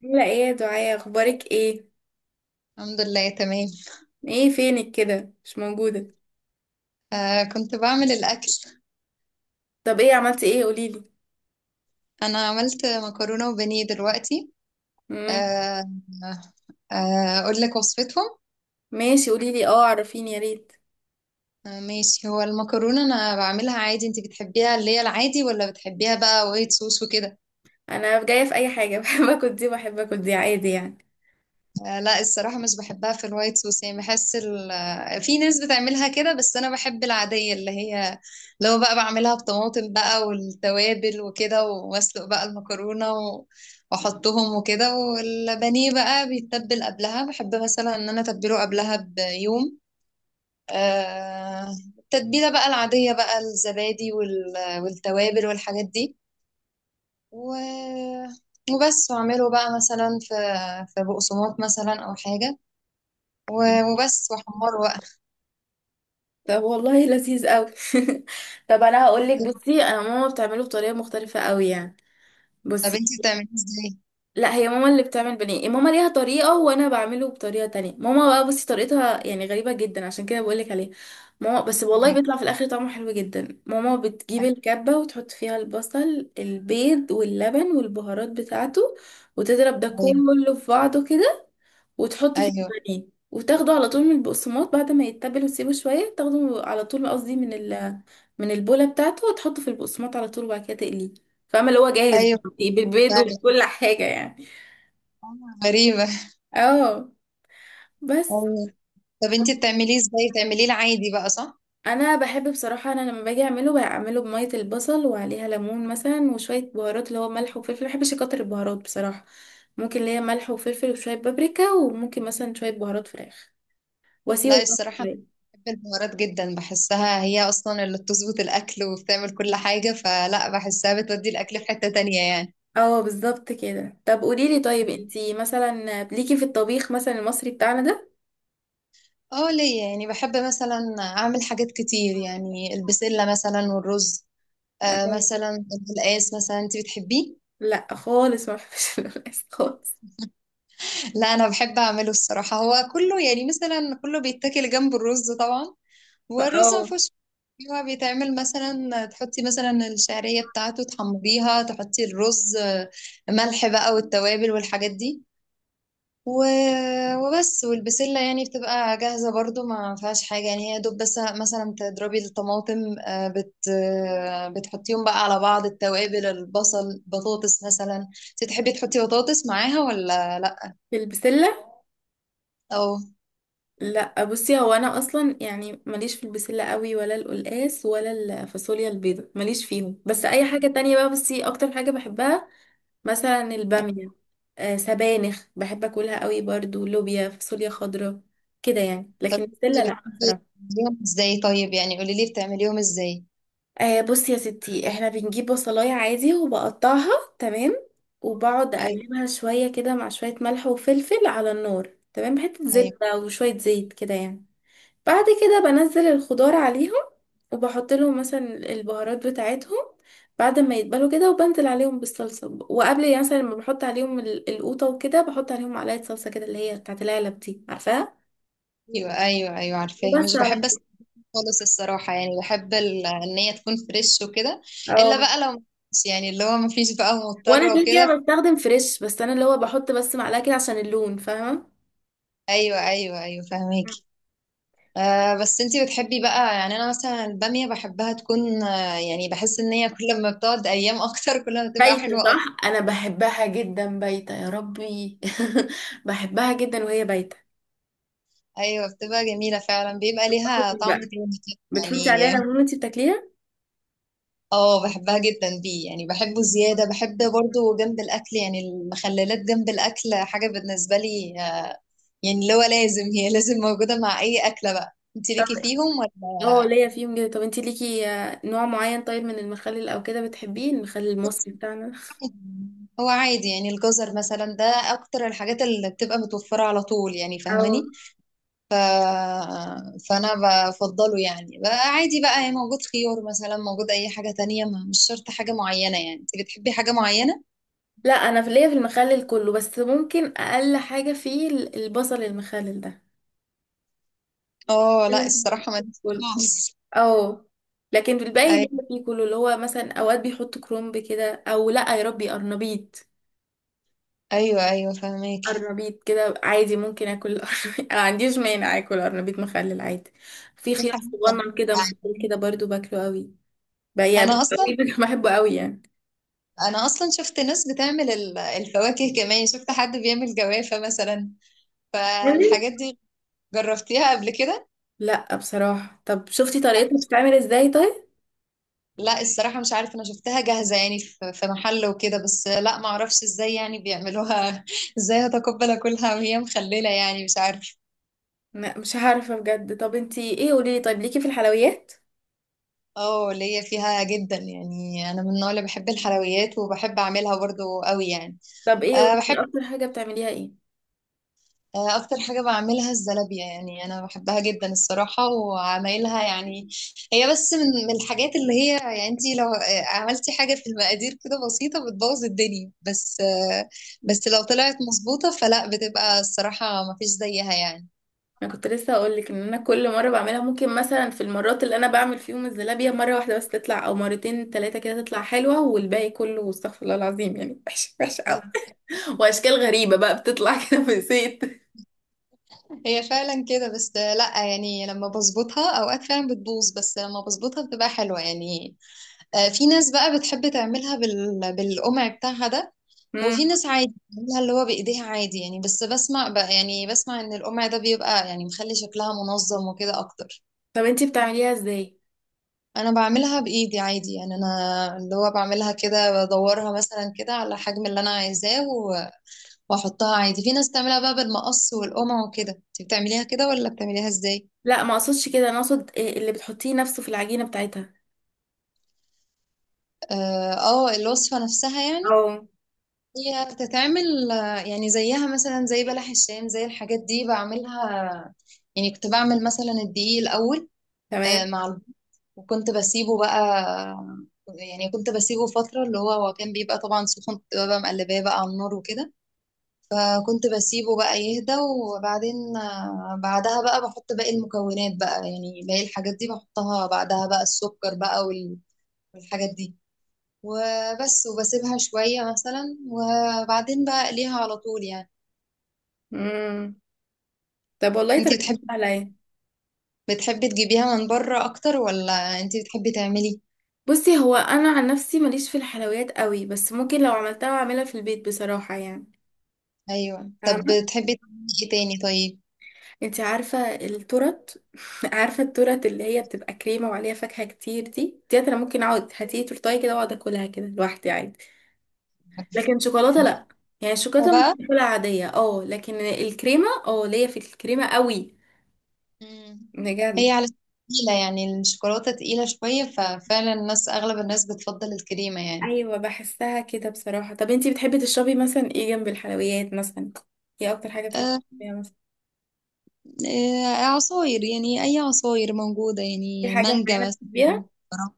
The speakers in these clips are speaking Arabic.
لا، ايه يا دعاء؟ اخبارك ايه؟ الحمد لله تمام. ايه فينك كده، مش موجوده؟ آه، كنت بعمل الأكل. طب ايه عملتي؟ ايه، قوليلي. أنا عملت مكرونة وبانيه دلوقتي. امم آه. آه. آه، أقول لك وصفتهم. ماشي، قوليلي اه، عرفيني يا ريت. آه، ماشي. هو المكرونة أنا بعملها عادي، أنت بتحبيها اللي هي العادي ولا بتحبيها بقى وايت صوص وكده؟ انا جايه في اي حاجه بحب اكل دي وبحب اكل دي عادي يعني. لا، الصراحة مش بحبها في الوايت صوص، يعني بحس ال... آه، في ناس بتعملها كده، بس أنا بحب العادية اللي هي، لو بقى بعملها بطماطم بقى والتوابل وكده، وأسلق بقى المكرونة وأحطهم وكده. والبانيه بقى بيتبل قبلها، بحب مثلا إن أنا أتبله قبلها بيوم. آه... التتبيلة بقى العادية، بقى الزبادي والتوابل والحاجات دي و... وبس. وأعمله بقى مثلا في بقسماط مثلا أو حاجة وبس وحمار بقى. طب والله لذيذ قوي. طب انا هقولك، بصي انا ماما بتعمله بطريقه مختلفه قوي يعني. طب بصي، انتي بتعمليه ازاي؟ لا هي ماما اللي بتعمل بانيه، ماما ليها طريقة، وانا بعمله بطريقة تانية. ماما بقى، بصي طريقتها يعني غريبة جدا، عشان كده بقولك عليها. ماما بس والله بيطلع في الاخر طعمه حلو جدا. ماما بتجيب الكبة وتحط فيها البصل، البيض، واللبن، والبهارات بتاعته، وتضرب ده ايوه، كله في بعضه كده، وتحط فيه ايوه، البانيه وتاخده على طول من البقسماط بعد ما يتبل، وتسيبه شوية تاخده على طول، قصدي من ال من البولة بتاعته، وتحطه في البقسماط على طول، وبعد كده تقليه. فاهمة اللي هو جاهز ايوه. بالبيض فعلا. وكل حاجة يعني. آه، غريبة. اه بس، ايوه. طب انتي بتعمليه ازاي؟ بتعمليه العادي بقى صح؟ انا بحب بصراحة، انا لما باجي اعمله بعمله بمية البصل وعليها ليمون مثلا وشوية بهارات، اللي هو ملح وفلفل. ما بحبش اكتر البهارات بصراحة. ممكن ليا ملح وفلفل وشوية بابريكا، وممكن مثلا شوية بهارات فراخ، واسيبه لا، براحته الصراحة انا شوية. بحب البهارات جدا، بحسها هي اصلا اللي بتظبط الاكل وبتعمل كل حاجة، فلا، بحسها بتودي الاكل في حتة تانية يعني. اه بالظبط كده. طب قوليلي طيب، انتي مثلا ليكي في الطبيخ مثلا المصري بتاعنا ده؟ اه، ليا يعني، بحب مثلا اعمل حاجات كتير يعني، البسلة مثلا والرز. آه، مثلا القلقاس، مثلا انتي بتحبيه؟ لا خالص ما بحبش القلقاس خالص. لا، انا بحب اعمله الصراحه، هو كله يعني مثلا كله بيتاكل جنب الرز طبعا. والرز ما فاه. فيهوش. هو بيتعمل مثلا، تحطي مثلا الشعريه بتاعته تحمريها، تحطي الرز، ملح بقى والتوابل والحاجات دي و... وبس. والبسله يعني بتبقى جاهزه برضو، ما فيهاش حاجه يعني، هي دوب بس مثلا تضربي الطماطم، آه، بت... آه، بتحطيهم بقى على بعض، التوابل، البصل، بطاطس مثلا. انت تحبي تحطي بطاطس معاها ولا لا؟ في البسلة؟ او. لا بصي، هو انا اصلا يعني ماليش في البسلة قوي، ولا القلقاس، ولا الفاصوليا البيضاء، ماليش فيهم. بس اي حاجة تانية بقى بصي، اكتر حاجة بحبها مثلا البامية. آه، سبانخ بحب اكلها قوي برضو، لوبيا، فاصوليا خضراء، كده يعني. لكن طب انتي البسلة لا بتحبي بصراحة. تعمليهم ازاي طيب؟ يعني قولي لي بتعمليهم ازاي. آه بصي يا ستي، احنا بنجيب بصلاية عادي وبقطعها، تمام. وبقعد ايوه، اقلبها شوية كده مع شوية ملح وفلفل على النار، تمام، حتة ايوه، زبدة وشوية زيت كده يعني. بعد كده بنزل الخضار عليهم، وبحط لهم مثلا البهارات بتاعتهم بعد ما يتبلوا كده. وبنزل عليهم بالصلصة. وقبل يعني مثلا لما بحط عليهم القوطة وكده، بحط عليهم معلقة صلصة كده، اللي هي بتاعت العلب دي، عارفاها. ايوه، ايوه، ايوه، عارفاها. وبس، مش على بحب كده. اسلق خالص الصراحه، يعني بحب ان هي تكون فريش وكده. الا اه، بقى لو مفيش، يعني اللي هو مفيش بقى وانا مضطره كده وكده. كده بستخدم فريش، بس انا اللي هو بحط بس معلقة كده عشان اللون، فاهمة. ايوه، ايوه، ايوه، فهماكي. آه، بس انتي بتحبي بقى، يعني انا مثلا الباميه بحبها تكون، آه يعني بحس ان هي كل ما بتقعد ايام اكتر، كل ما بتبقى بايتة، حلوه اكتر. صح. انا بحبها جدا بايتة يا ربي. بحبها جدا وهي بايتة. ايوه، بتبقى جميله فعلا، بيبقى ليها طعم بقى تاني كده. بتحطي عليها يعني ليمون وانتي بتاكليها؟ اه، بحبها جدا بيه، يعني بحبه زيادة. بحب برضو جنب الأكل يعني المخللات، جنب الأكل حاجة بالنسبة لي، يعني اللي هو لازم، هي لازم موجودة مع أي أكلة بقى. انت ليكي فيهم ولا؟ اه ليا فيهم جدا. طب انتي ليكي آه، نوع معين طيب من المخلل او كده بتحبيه، المخلل المصري بتاعنا؟ هو عادي، يعني الجزر مثلا ده أكتر الحاجات اللي بتبقى متوفرة على طول، يعني او فاهماني. فأنا بفضله يعني بقى عادي بقى، يعني موجود، خيار مثلا موجود، أي حاجة تانية، مش شرط حاجة معينة يعني. انت بتحبي حاجة معينة؟ لا. انا في ليا في المخلل كله، بس ممكن اقل حاجة فيه البصل المخلل ده. اه، لا الصراحة، ما كله. خالص. اه، لكن في الباقي ليا فيه كله. اللي هو مثلا اوقات بيحطوا كرنب كده، او لا يا ربي قرنبيط. ايوه، ايوه، فهماكي. قرنبيط كده عادي، ممكن اكل قرنبيط ما عنديش مانع اكل قرنبيط مخلل عادي. في دي خيار حقيقة. صغنن كده مخلل كده برضو باكله قوي بقى، انا قوي اصلا بحبه قوي يعني. انا اصلا شفت ناس بتعمل الفواكه، كمان شفت حد بيعمل جوافة مثلا، يعني؟ فالحاجات دي جربتيها قبل كده؟ لا بصراحة. طب شفتي لا. طريقتها بتتعمل ازاي طيب؟ لا، الصراحة مش عارفة، انا شفتها جاهزة يعني في محل وكده، بس لا، ما اعرفش ازاي يعني بيعملوها ازاي هتقبل اكلها وهي مخللة يعني، مش عارفة. لا مش عارفة بجد. طب انتي ايه، قوليلي طيب، ليكي في الحلويات؟ اه، ليا فيها جدا يعني، انا من النوع اللي بحب الحلويات وبحب اعملها برضو قوي يعني. طب ايه، أه قوليلي بحب اكتر حاجة بتعمليها ايه؟ آه، اكتر حاجه بعملها الزلابيه، يعني انا بحبها جدا الصراحه وعمايلها يعني. هي بس من الحاجات اللي هي، يعني انت لو عملتي حاجه في المقادير كده بسيطه بتبوظ الدنيا، بس لو طلعت مظبوطه فلا، بتبقى الصراحه مفيش زيها يعني. انا كنت لسه هقولك ان انا كل مرة بعملها ممكن مثلا، في المرات اللي انا بعمل فيهم الزلابية، مرة واحدة بس تطلع، او مرتين تلاتة كده تطلع حلوة، والباقي كله استغفر الله العظيم يعني، وحش وحش قوي. واشكال غريبة بقى بتطلع كده في زيت. هي فعلا كده، بس لا يعني لما بظبطها اوقات فعلا بتبوظ، بس لما بظبطها بتبقى حلوه يعني. في ناس بقى بتحب تعملها بالقمع بتاعها ده. مم. وفي ناس عادي بتعملها اللي هو بايديها عادي يعني، بس بسمع بقى، يعني بسمع ان القمع ده بيبقى يعني مخلي شكلها منظم وكده اكتر. طب انتي بتعمليها ازاي؟ انا بعملها بايدي عادي يعني، انا اللي هو بعملها كده، بدورها مثلا كده على الحجم اللي انا عايزاه واحطها عادي. في ناس بتعملها بقى بالمقص والقمع وكده، انت بتعمليها كده ولا بتعمليها ازاي؟ لا ما اقصدش كده، انا اقصد إيه اللي بتحطيه نفسه في العجينة بتاعتها. اه، الوصفة نفسها يعني. اه. هي بتتعمل، يعني زيها مثلا زي بلح الشام، زي الحاجات دي بعملها. يعني كنت بعمل مثلا الدقيق الاول، آه، تمام. مع الب- وكنت بسيبه بقى، يعني كنت بسيبه فترة، اللي هو كان بيبقى طبعا سخن، كنت ببقى مقلباه بقى على النار وكده. فكنت بسيبه بقى يهدى، وبعدين بعدها بقى بحط باقي المكونات بقى، يعني باقي الحاجات دي بحطها بعدها بقى، السكر بقى والحاجات دي وبس. وبسيبها شوية مثلا وبعدين بقى اقليها على طول يعني. امم طب والله انتي طريقتك بتحبي سهله اهي. بتحبي تجيبيها من بره اكتر ولا انتي بتحبي تعملي؟ بصي، هو انا عن نفسي ماليش في الحلويات قوي، بس ممكن لو عملتها اعملها في البيت بصراحه يعني. ايوه. طب فاهمه. بتحبي تعملي ايه تاني طيب؟ انت عارفه التورت؟ عارفه التورت اللي هي بتبقى كريمه وعليها فاكهه كتير دي؟ ديت انا ممكن اقعد هاتيه تورتايه كده واقعد اكلها كده لوحدي عادي. عارفة. لكن شوكولاته لا، يعني الشوكولاته بقى. ممكن اكلها عاديه اه، لكن الكريمه اه ليا في الكريمه قوي. مم. بجد. هي على تقيلة يعني الشوكولاتة تقيلة شوية، ففعلا الناس أغلب الناس بتفضل الكريمة يعني. ايوه بحسها كده بصراحه. طب انتي بتحبي تشربي مثلا ايه جنب الحلويات مثلا؟ ايه اكتر حاجه بتحبي آه، تشربيها مثلا؟ عصاير، يعني أي عصاير موجودة في يعني، حاجه مانجا معينه مثلا. بتحبيها؟ فراولة.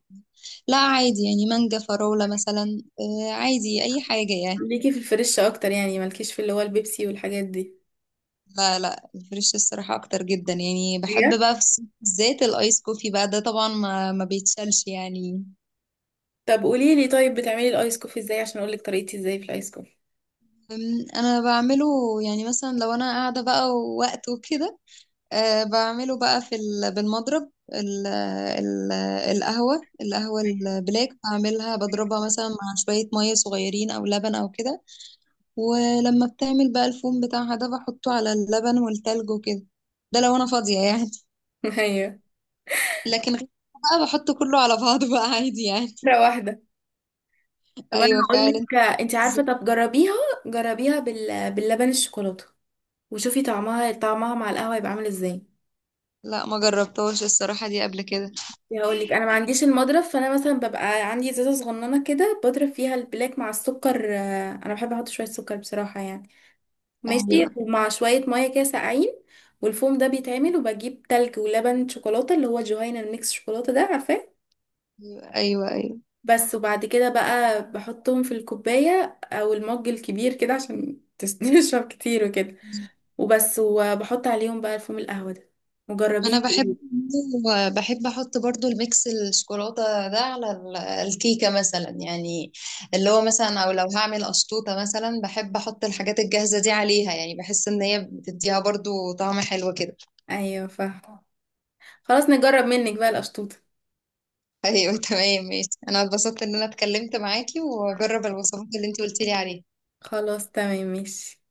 لا عادي يعني، مانجا، فراولة مثلا، عادي أي حاجة يعني. ليكي في الفريش اكتر يعني، مالكيش في اللي هو البيبسي والحاجات دي؟ لا، لا الفريش الصراحة أكتر جدا يعني، بحب بجد؟ بقى في الصيف بالذات الآيس كوفي بقى ده، طبعا ما بيتشالش يعني. طب قولي لي طيب، بتعملي الايس كوفي ازاي عشان اقول لك طريقتي ازاي في الايس كوفي. أنا بعمله، يعني مثلا لو أنا قاعدة بقى ووقت وكده. بعمله بقى في بالمضرب ال ال القهوة البلاك، بعملها بضربها مثلا مع شوية مية صغيرين أو لبن أو كده. ولما بتعمل بقى الفوم بتاعها ده، بحطه على اللبن والتلج وكده. ده لو أنا فاضية يعني. ايوه، لكن غير كده بقى بحطه كله على بعضه بقى عادي يعني. مره واحده. طب انا أيوة هقول فعلا. لك، انت عارفه، طب جربيها. جربيها باللبن الشوكولاته، وشوفي طعمها، طعمها مع القهوه يبقى عامل ازاي. لا ما جربتهاش الصراحة دي قبل كده. يعني هقول لك انا ما عنديش المضرب، فانا مثلا ببقى عندي ازازه صغننه كده، بضرب فيها البلاك مع السكر. آه، انا بحب احط شويه سكر بصراحه يعني. ماشي. أيوة، ومع شويه ميه كده ساقعين، والفوم ده بيتعمل، وبجيب تلج ولبن شوكولاته اللي هو جهينة، الميكس شوكولاته ده، عارفاه. أيوة، أيوة، أيوة. بس، وبعد كده بقى بحطهم في الكوبايه او المج الكبير كده، عشان تشرب كتير وكده. وبس، وبحط عليهم بقى الفوم القهوه ده. وجربيها. انا بحب احط برضو الميكس الشوكولاته ده على الكيكه مثلا، يعني اللي هو مثلا او لو هعمل اشطوطه مثلا بحب احط الحاجات الجاهزه دي عليها، يعني بحس ان هي بتديها برضو طعم حلو كده. ايوه فاهمه. خلاص، نجرب منك بقى القشطوطه. ايوه تمام ماشي. انا اتبسطت ان انا اتكلمت معاكي واجرب الوصفات اللي انت قلتي لي عليها. خلاص تمام ماشي.